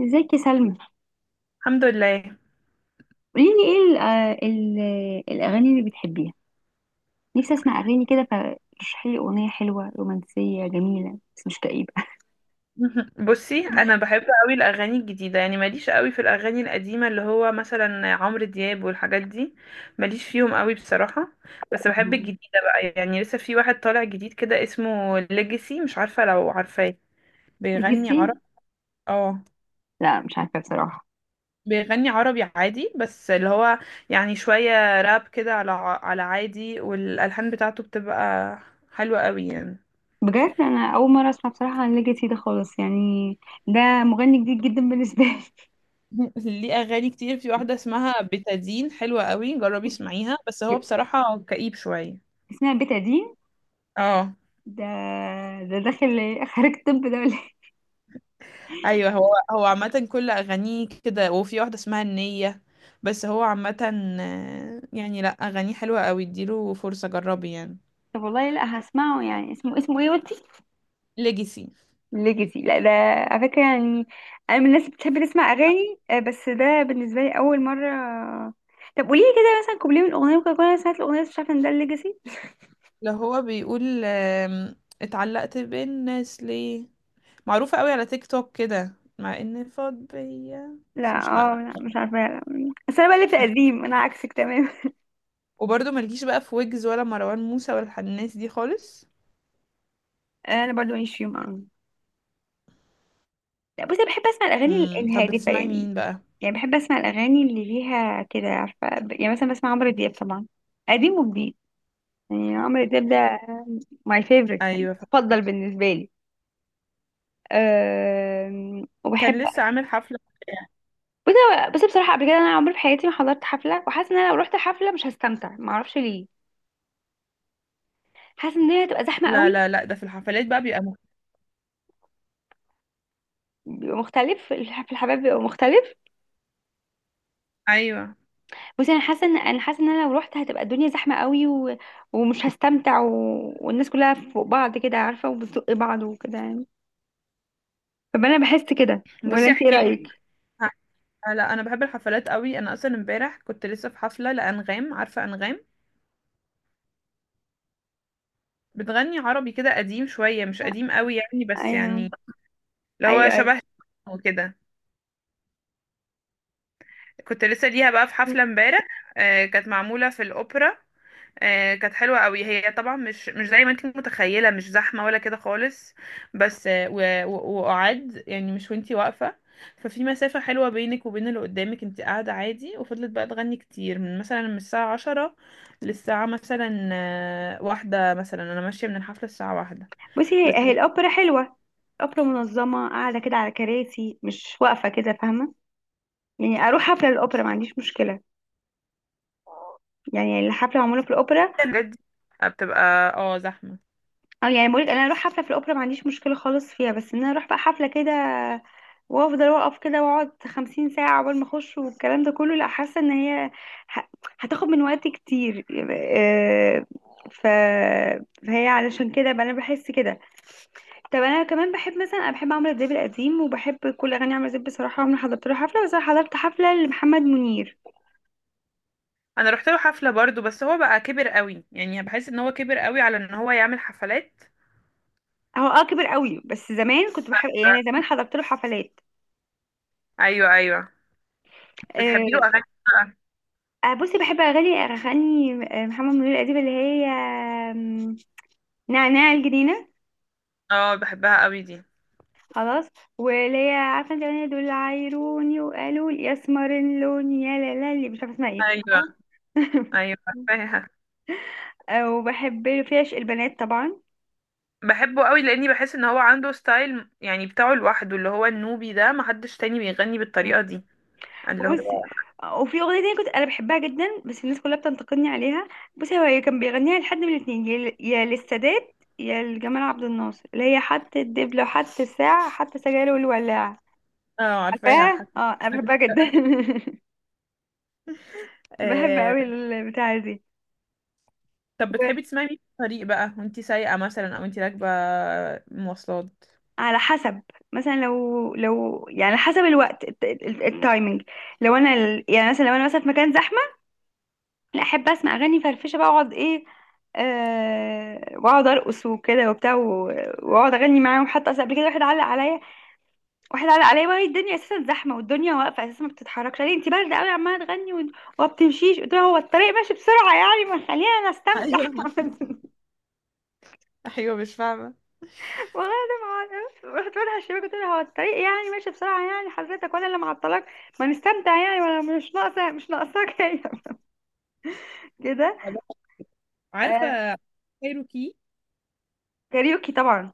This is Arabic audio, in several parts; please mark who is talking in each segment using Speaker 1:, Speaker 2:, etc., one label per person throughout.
Speaker 1: ازيك يا سلمى؟
Speaker 2: الحمد لله.
Speaker 1: قولي لي ايه ال الاغاني اللي بتحبيها. نفسي اسمع اغاني كده، فرشحي لي اغنيه حلوه رومانسيه جميله بس مش كئيبه.
Speaker 2: بصي، انا بحب قوي الاغاني الجديده، يعني ماليش قوي في الاغاني القديمه اللي هو مثلا عمرو دياب والحاجات دي، ماليش فيهم قوي بصراحه. بس بحب
Speaker 1: مهم.
Speaker 2: الجديده بقى، يعني لسه في واحد طالع جديد كده اسمه ليجاسي، مش عارفه لو عارفاه. بيغني عرب،
Speaker 1: ليجاسي.
Speaker 2: اه،
Speaker 1: لا، مش عارفه بصراحه.
Speaker 2: بيغني عربي عادي، بس اللي هو يعني شويه راب كده، على عادي، والالحان بتاعته بتبقى حلوه قوي يعني.
Speaker 1: بجد انا اول مره اسمع بصراحه عن ليجاسي ده خالص يعني. ده مغني جديد جدا بالنسبه لي.
Speaker 2: ليه اغاني كتير، في واحده اسمها بتادين، حلوه قوي، جربي اسمعيها، بس هو بصراحه كئيب شويه.
Speaker 1: اسمها بيت قديم.
Speaker 2: اه.
Speaker 1: ده ده داخل خارج، طب ده ولا إيه؟
Speaker 2: ايوه، هو عامه كل اغانيه كده، وفي واحده اسمها النيه، بس هو عامه يعني لا، اغانيه حلوه قوي، اديله فرصه، جربي يعني.
Speaker 1: طب والله لا هسمعه، يعني اسمه ايه قلتي؟
Speaker 2: ليجاسي
Speaker 1: ليجاسي، لا ده على فكرة يعني. أنا من الناس اللي بتحب تسمع أغاني، بس ده بالنسبة لي أول مرة. طب قولي لي كده مثلا كوبليه من أغنية، ممكن أكون أنا سمعت الأغنية بس مش عارفة إن ده الليجاسي.
Speaker 2: اللي هو بيقول اتعلقت بالناس ليه. معروفه قوي على تيك توك كده، مع ان فاض بيا،
Speaker 1: لا،
Speaker 2: بس مش
Speaker 1: اه، لا،
Speaker 2: عارفه.
Speaker 1: مش عارفة لا. بس أنا بقى في قديم، أنا عكسك تمام.
Speaker 2: وبرضه ملكيش بقى في ويجز ولا مروان موسى ولا الناس دي خالص؟
Speaker 1: أنا برضو ماليش فيهم أوي. لا، بصي أنا بحب أسمع الأغاني
Speaker 2: طب
Speaker 1: الهادفة
Speaker 2: بتسمعي
Speaker 1: يعني.
Speaker 2: مين بقى؟
Speaker 1: يعني بحب أسمع الأغاني اللي ليها كده، عارفة يعني مثلا بسمع عمرو دياب طبعا، قديم وجديد. يعني عمرو دياب ده my favorite، يعني
Speaker 2: ايوه.
Speaker 1: مفضل بالنسبة لي. أه وبحب،
Speaker 2: كان لسه عامل حفله.
Speaker 1: بس بس بصراحه قبل كده انا عمري في حياتي ما حضرت حفله، وحاسه ان انا لو رحت حفله مش هستمتع، ما اعرفش ليه. حاسه ان هي هتبقى زحمه
Speaker 2: لا
Speaker 1: قوي.
Speaker 2: لا لا، ده في الحفلات بقى بيبقى
Speaker 1: في الحفلات بيبقى مختلف.
Speaker 2: ايوه.
Speaker 1: بس انا حاسه ان انا لو رحت هتبقى الدنيا زحمه قوي ومش هستمتع والناس كلها فوق بعض كده، عارفه، وبتزق بعض وكده يعني. فانا بحس كده، ولا
Speaker 2: بصي
Speaker 1: انت ايه
Speaker 2: احكي لك،
Speaker 1: رايك؟
Speaker 2: لا انا بحب الحفلات قوي، انا اصلا امبارح كنت لسه في حفله لانغام، عارفه انغام؟ بتغني عربي كده قديم شويه، مش قديم قوي يعني، بس
Speaker 1: ايوه،
Speaker 2: يعني اللي هو
Speaker 1: ايوه، ايوه.
Speaker 2: شبه وكده. كنت لسه ليها بقى في حفله امبارح، كانت معموله في الاوبرا. كانت حلوة قوي، هي طبعا مش زي ما انت متخيلة، مش زحمة ولا كده خالص. بس آه، و- و- وقعد يعني، مش وانتي واقفة، ففي مسافة حلوة بينك وبين اللي قدامك، انت قاعدة عادي، وفضلت بقى تغني كتير، من مثلا من الساعة عشرة للساعة مثلا واحدة، مثلا انا ماشية من الحفلة الساعة واحدة.
Speaker 1: بصي،
Speaker 2: بس
Speaker 1: هي الاوبرا حلوه. الاوبرا منظمه، قاعده كده على كراسي، مش واقفه كده، فاهمه؟ يعني اروح حفله الاوبرا ما عنديش مشكله. يعني الحفلة معمولة في الأوبرا.
Speaker 2: الحاجات دي بتبقى اه زحمة.
Speaker 1: أو يعني بقولك أنا أروح حفلة في الأوبرا ما عنديش مشكلة خالص فيها، بس إن أنا أروح بقى حفلة كده وأفضل وأقف كده وأقعد 50 ساعة عقبال ما أخش والكلام ده كله، لأ، حاسة إن هي ه- هتاخد من وقتي كتير. آه، ف... فهي علشان كده بقى أنا بحس كده. طب أنا كمان بحب مثلا، أنا بحب عمرو دياب القديم وبحب كل أغاني عمرو دياب بصراحة، عمري ما حضرت له حفلة، بس أنا حضرت حفلة لمحمد منير.
Speaker 2: انا رحت له حفلة برضو، بس هو بقى كبر قوي، يعني بحس ان هو كبر قوي على ان هو يعمل حفلات.
Speaker 1: هو كبر قوي، بس زمان كنت بحب يعني، زمان حضرت له حفلات.
Speaker 2: ايوه ايوه. بتحبي له
Speaker 1: آه،
Speaker 2: اغاني؟
Speaker 1: بصي بحب اغاني محمد منير القديمه اللي هي آم، نعناع الجنينه.
Speaker 2: اه، بحبها قوي دي.
Speaker 1: خلاص. واللي هي عارفه انت الاغنيه، دول عايروني وقالوا لي اسمر اللون، يا لا لا، اللي مش عارفه اسمها ايه
Speaker 2: ايوه
Speaker 1: بصراحه.
Speaker 2: ايوه، عارفاها.
Speaker 1: وبحب له في عشق البنات طبعا.
Speaker 2: بحبه قوي لاني بحس ان هو عنده ستايل يعني بتاعه لوحده، اللي هو النوبي ده، محدش تاني بيغني بالطريقه دي، اللي هو.
Speaker 1: بصي، وفي اغنيه تانية كنت انا بحبها جدا بس الناس كلها بتنتقدني عليها. بصي، هو كان بيغنيها لحد من الاتنين، يا يا للسادات يا لجمال عبد الناصر، اللي هي حتى الدبلة وحتى الساعة حتى سجاير والولاعة.
Speaker 2: اه عارفاها
Speaker 1: عارفاه،
Speaker 2: حتى.
Speaker 1: اه، انا بحبها جدا. بحب
Speaker 2: آه.
Speaker 1: قوي البتاعة دي.
Speaker 2: طب بتحبي تسمعي مين في الطريق بقى وانتي سايقه مثلا، او انتي راكبه مواصلات؟
Speaker 1: على حسب. مثلا لو يعني على حسب الوقت التايمينج. لو انا يعني مثلا لو انا مثلا في مكان زحمه، لا، احب اسمع اغاني فرفشه بقى، اقعد ايه، واقعد ارقص وكده وبتاع واقعد اغني معاهم. حتى اصل قبل كده واحد علق عليا، وهي الدنيا اساسا زحمه والدنيا واقفه اساسا ما بتتحركش، قال لي انت بارده قوي عماله تغني وما بتمشيش، قلت له هو الطريق ماشي بسرعه يعني، ما خلينا نستمتع.
Speaker 2: ايوه ايوه، مش فاهمه.
Speaker 1: والله انا ما اعرف، رحت بقول للشباب، قلت لها هو الطريق يعني ماشي بسرعه يعني، حضرتك ولا اللي معطلك، ما نستمتع يعني، ولا مش ناقصه، مش ناقصاك هي. كده.
Speaker 2: طب
Speaker 1: آه،
Speaker 2: عارفه كايروكي؟
Speaker 1: كاريوكي طبعا.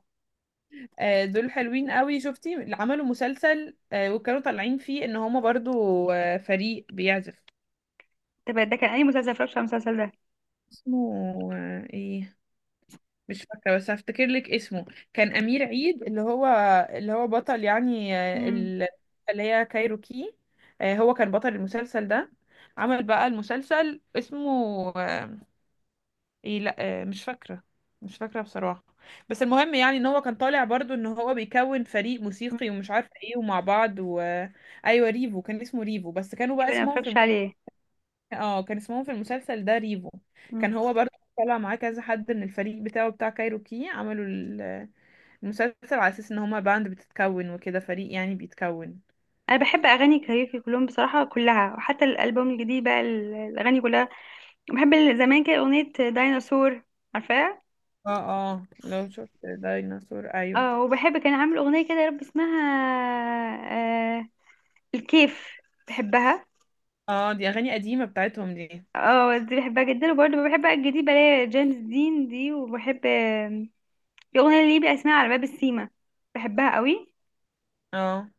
Speaker 2: دول حلوين قوي. شفتي اللي عملوا مسلسل وكانوا طالعين فيه ان هما برضو فريق بيعزف؟
Speaker 1: تبقى ده كان اي مسلسل؟ اتفرجش على المسلسل ده.
Speaker 2: اسمه ايه، مش فاكرة، بس هفتكر لك اسمه. كان أمير عيد اللي هو، اللي هو بطل يعني
Speaker 1: امم
Speaker 2: اللي هي كايروكي، هو كان بطل المسلسل ده. عمل بقى المسلسل اسمه آه، ايه، لا، مش فاكرة، مش فاكرة بصراحة. بس المهم يعني ان هو كان طالع برضو ان هو بيكون فريق موسيقي ومش عارفة ايه ومع بعض. ايوه، ريفو، كان اسمه ريفو، بس كانوا بقى
Speaker 1: تقريبا ما
Speaker 2: اسمهم في
Speaker 1: اتفرجش عليه.
Speaker 2: اه، كان اسمهم في المسلسل ده ريفو.
Speaker 1: مم.
Speaker 2: كان هو برضو طلع معاه كذا حد من الفريق بتاعه، بتاع كايروكي، عملوا المسلسل على اساس ان هما باند بتتكون وكده، فريق يعني بيتكون.
Speaker 1: انا بحب اغاني كاريوكي كلهم بصراحه، كلها، وحتى الالبوم الجديد بقى الاغاني كلها. بحب زمان كده اغنيه ديناصور، عارفاها؟
Speaker 2: اه. اه لو شفت ديناصور، ايوه.
Speaker 1: اه، وبحب كان عامل اغنيه كده يا رب اسمها، آه الكيف، بحبها.
Speaker 2: اه دي اغاني قديمه بتاعتهم دي.
Speaker 1: اه، دي بحبها جدا، وبرضه بحب الجديد، بلاقي جيمس دين دي، وبحب في اغنيه ليه بقى اسمها على باب السيما، بحبها قوي.
Speaker 2: اه،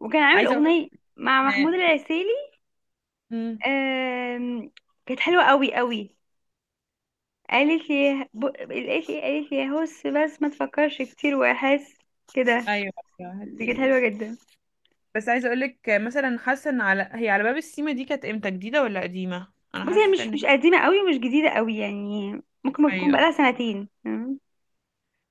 Speaker 1: وكان عامل
Speaker 2: عايزه اقول
Speaker 1: اغنيه مع محمود
Speaker 2: ان
Speaker 1: العسيلي،
Speaker 2: امم
Speaker 1: آم، كانت حلوه قوي قوي. قالت لي ب... قالت لي قالت لي هس، بس ما تفكرش كتير، واحس كده.
Speaker 2: ايوه. أيوة، هات
Speaker 1: دي كانت حلوه
Speaker 2: ايدك.
Speaker 1: جدا.
Speaker 2: بس عايزه اقول لك مثلا، حاسه ان على هي على باب السيما دي كانت امتى، جديده ولا قديمه؟ انا
Speaker 1: بصي، هي
Speaker 2: حاسه
Speaker 1: مش
Speaker 2: ان
Speaker 1: مش
Speaker 2: هي،
Speaker 1: قديمه قوي ومش جديده قوي يعني، ممكن تكون
Speaker 2: ايوه
Speaker 1: بقالها سنتين. مم.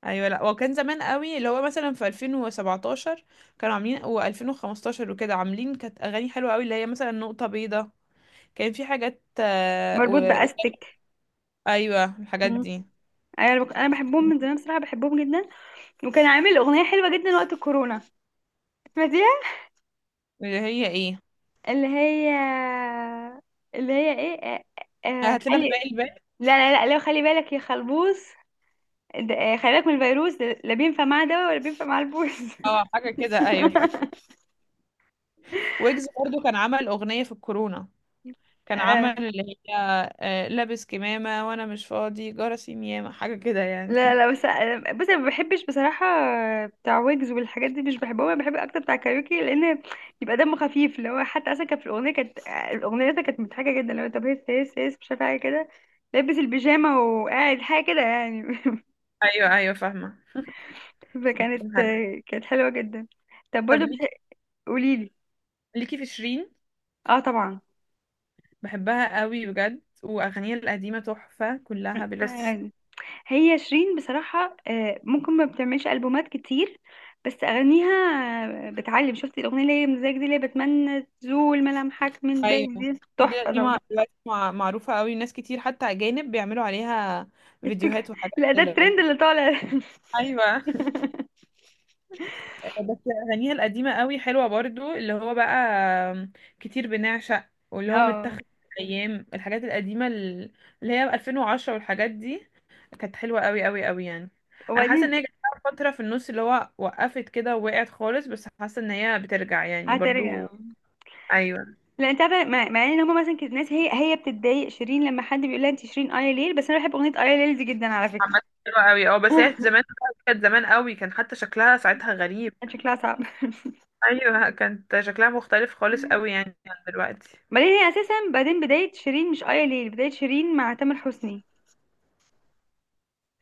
Speaker 2: ايوه. لا وكان زمان قوي، اللي هو مثلا في 2017 كانوا عاملين، و2015 وكده عاملين، كانت اغاني حلوه قوي، اللي هي مثلا نقطه بيضاء، كان في حاجات.
Speaker 1: مربوط باستك.
Speaker 2: ايوه الحاجات
Speaker 1: مم.
Speaker 2: دي.
Speaker 1: أنا بحبهم من زمان بصراحه، بحبهم جدا. وكان عامل أغنية حلوة جدا وقت الكورونا، سمعتيها؟
Speaker 2: اللي هي ايه؟
Speaker 1: اللي هي اللي هي ايه؟
Speaker 2: هات لنا
Speaker 1: خلي،
Speaker 2: باقي الباقي.
Speaker 1: لا لا، لا لو خلي بالك يا خلبوص، خلي بالك من الفيروس ده، لا بينفع مع دواء ولا بينفع مع البوس.
Speaker 2: اه حاجه كده، ايوه فاكر. ويجز برضو كان عمل اغنيه في الكورونا، كان
Speaker 1: آه،
Speaker 2: عمل اللي هي لابس كمامه وانا مش فاضي جرسي ميامه، حاجه كده يعني.
Speaker 1: لا لا، بس أنا ما بحبش بصراحة بتاع ويجز والحاجات دي، مش بحبهم، أنا بحب أكتر بتاع كاريوكي لأن يبقى دمه خفيف، اللي هو حتى أصلا كان في الأغنية كانت آه، الأغنية دي كانت مضحكة جدا، لو طب هيس هيس هيس، مش عارفة حاجة كده، لابس البيجامة وقاعد حاجة كده يعني.
Speaker 2: ايوه ايوه فاهمه.
Speaker 1: فكانت
Speaker 2: حلو.
Speaker 1: كانت حلوة جدا. طب
Speaker 2: طب
Speaker 1: برضو
Speaker 2: ليكي،
Speaker 1: قوليلي.
Speaker 2: ليكي في شيرين؟
Speaker 1: اه طبعا،
Speaker 2: بحبها قوي بجد، واغانيها القديمه تحفه كلها بلا استثناء.
Speaker 1: يعني هي شيرين بصراحة، ممكن ما بتعملش ألبومات كتير بس أغانيها، بتعلم، شفتي الأغنية اللي هي مزاج دي، اللي هي بتمنى تزول ملامحك من
Speaker 2: ايوه،
Speaker 1: بالي دي،
Speaker 2: دي
Speaker 1: تحفة
Speaker 2: دي مع-
Speaker 1: طبعا.
Speaker 2: دلوقتي مع- معروفه قوي، ناس كتير حتى اجانب بيعملوا عليها فيديوهات
Speaker 1: التك...
Speaker 2: وحاجات
Speaker 1: لا، ده
Speaker 2: كده.
Speaker 1: الترند اللي طالع.
Speaker 2: ايوه. بس أغانيها القديمة قوي حلوة برضو، اللي هو بقى كتير بنعشق، واللي هو
Speaker 1: اه،
Speaker 2: متاخد من أيام الحاجات القديمة اللي هي 2010 والحاجات دي، كانت حلوة قوي قوي قوي يعني. أنا حاسة إن هي
Speaker 1: وبعدين
Speaker 2: جت لها فترة في النص اللي هو وقفت كده ووقعت خالص، بس حاسة إن هي بترجع يعني
Speaker 1: هترجع؟
Speaker 2: برضو. أيوة.
Speaker 1: لا، انت عارفه، مع ان هما مثلا كانت ناس، هي بتتضايق شيرين لما حد بيقول لها انت شيرين ايا ليل، بس انا بحب اغنيه ايا ليل دي جدا على فكره.
Speaker 2: عامة حلوة قوي، اه، بس هي زمان، كانت زمان قوي، كان حتى شكلها ساعتها غريب.
Speaker 1: كان شكلها صعب.
Speaker 2: أيوة، كانت شكلها مختلف خالص قوي يعني عن دلوقتي.
Speaker 1: بعدين هي اساسا، بعدين بدايه شيرين مش ايا ليل، بدايه شيرين مع تامر حسني.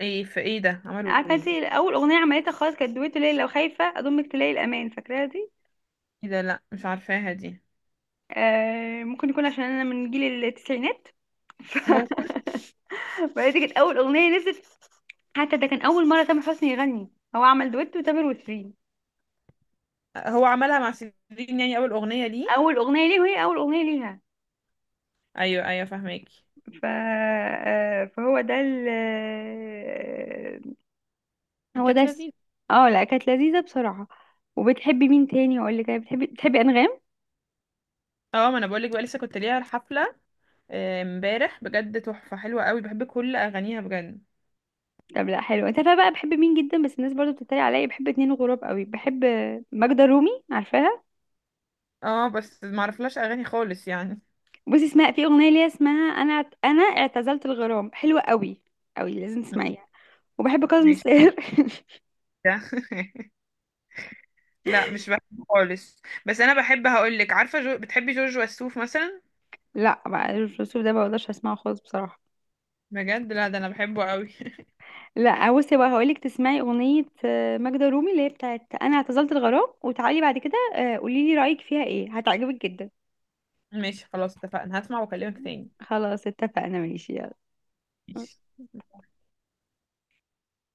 Speaker 2: ايه؟ في ايه ده، عملوا
Speaker 1: عارفه انت،
Speaker 2: ايه؟
Speaker 1: اول اغنيه عملتها خالص كانت دويتو، ليل لو خايفه اضمك تلاقي الامان، فاكراها دي؟
Speaker 2: ايه ده، لا مش عارفاها دي.
Speaker 1: آه، ممكن يكون عشان انا من جيل التسعينات.
Speaker 2: ممكن.
Speaker 1: بعدين دي كانت اول اغنيه نزلت، حتى ده كان اول مره تامر حسني يغني، هو عمل دويتو تامر وشيرين،
Speaker 2: هو عملها مع شيرين يعني اول اغنيه ليه؟
Speaker 1: اول اغنيه ليه وهي اول اغنيه ليها.
Speaker 2: ايوه ايوه فاهماكي.
Speaker 1: ف... آه، فهو ده ال... آه، هو ده
Speaker 2: كانت
Speaker 1: الس-
Speaker 2: لذيذه.
Speaker 1: اه لا، كانت لذيذه بصراحه. وبتحبي مين تاني؟ اقول لك، بتحبي انغام؟
Speaker 2: اه ما انا بقولك بقى، لسه كنت ليها الحفله امبارح بجد، تحفه حلوه قوي، بحب كل اغانيها بجد.
Speaker 1: طب لا حلو، انت عارفه بقى بحب مين جدا، بس الناس برضو بتتريق عليا، بحب اتنين غراب قوي، بحب ماجدة رومي، عارفاها؟
Speaker 2: اه بس ما اعرفلاش اغاني خالص يعني.
Speaker 1: بصي اسمها، في اغنيه ليها اسمها انا اعتزلت الغرام، حلوه قوي قوي، لازم تسمعيها. وبحب كاظم
Speaker 2: ماشي.
Speaker 1: الساهر.
Speaker 2: ده لا مش بحبه خالص. بس انا بحب، هقولك، عارفه بتحبي جورج وسوف مثلا؟
Speaker 1: لا بقى، الرسول ده ما بقدرش اسمعه خالص بصراحه.
Speaker 2: بجد لا، ده انا بحبه قوي.
Speaker 1: لا بصي بقى، هقولك تسمعي اغنيه ماجدة رومي اللي هي بتاعت انا اعتزلت الغرام، وتعالي بعد كده قولي لي رايك فيها ايه، هتعجبك جدا.
Speaker 2: ماشي، خلاص، اتفقنا، هسمع واكلمك تاني.
Speaker 1: خلاص اتفقنا، ماشي، يلا.
Speaker 2: ماشي.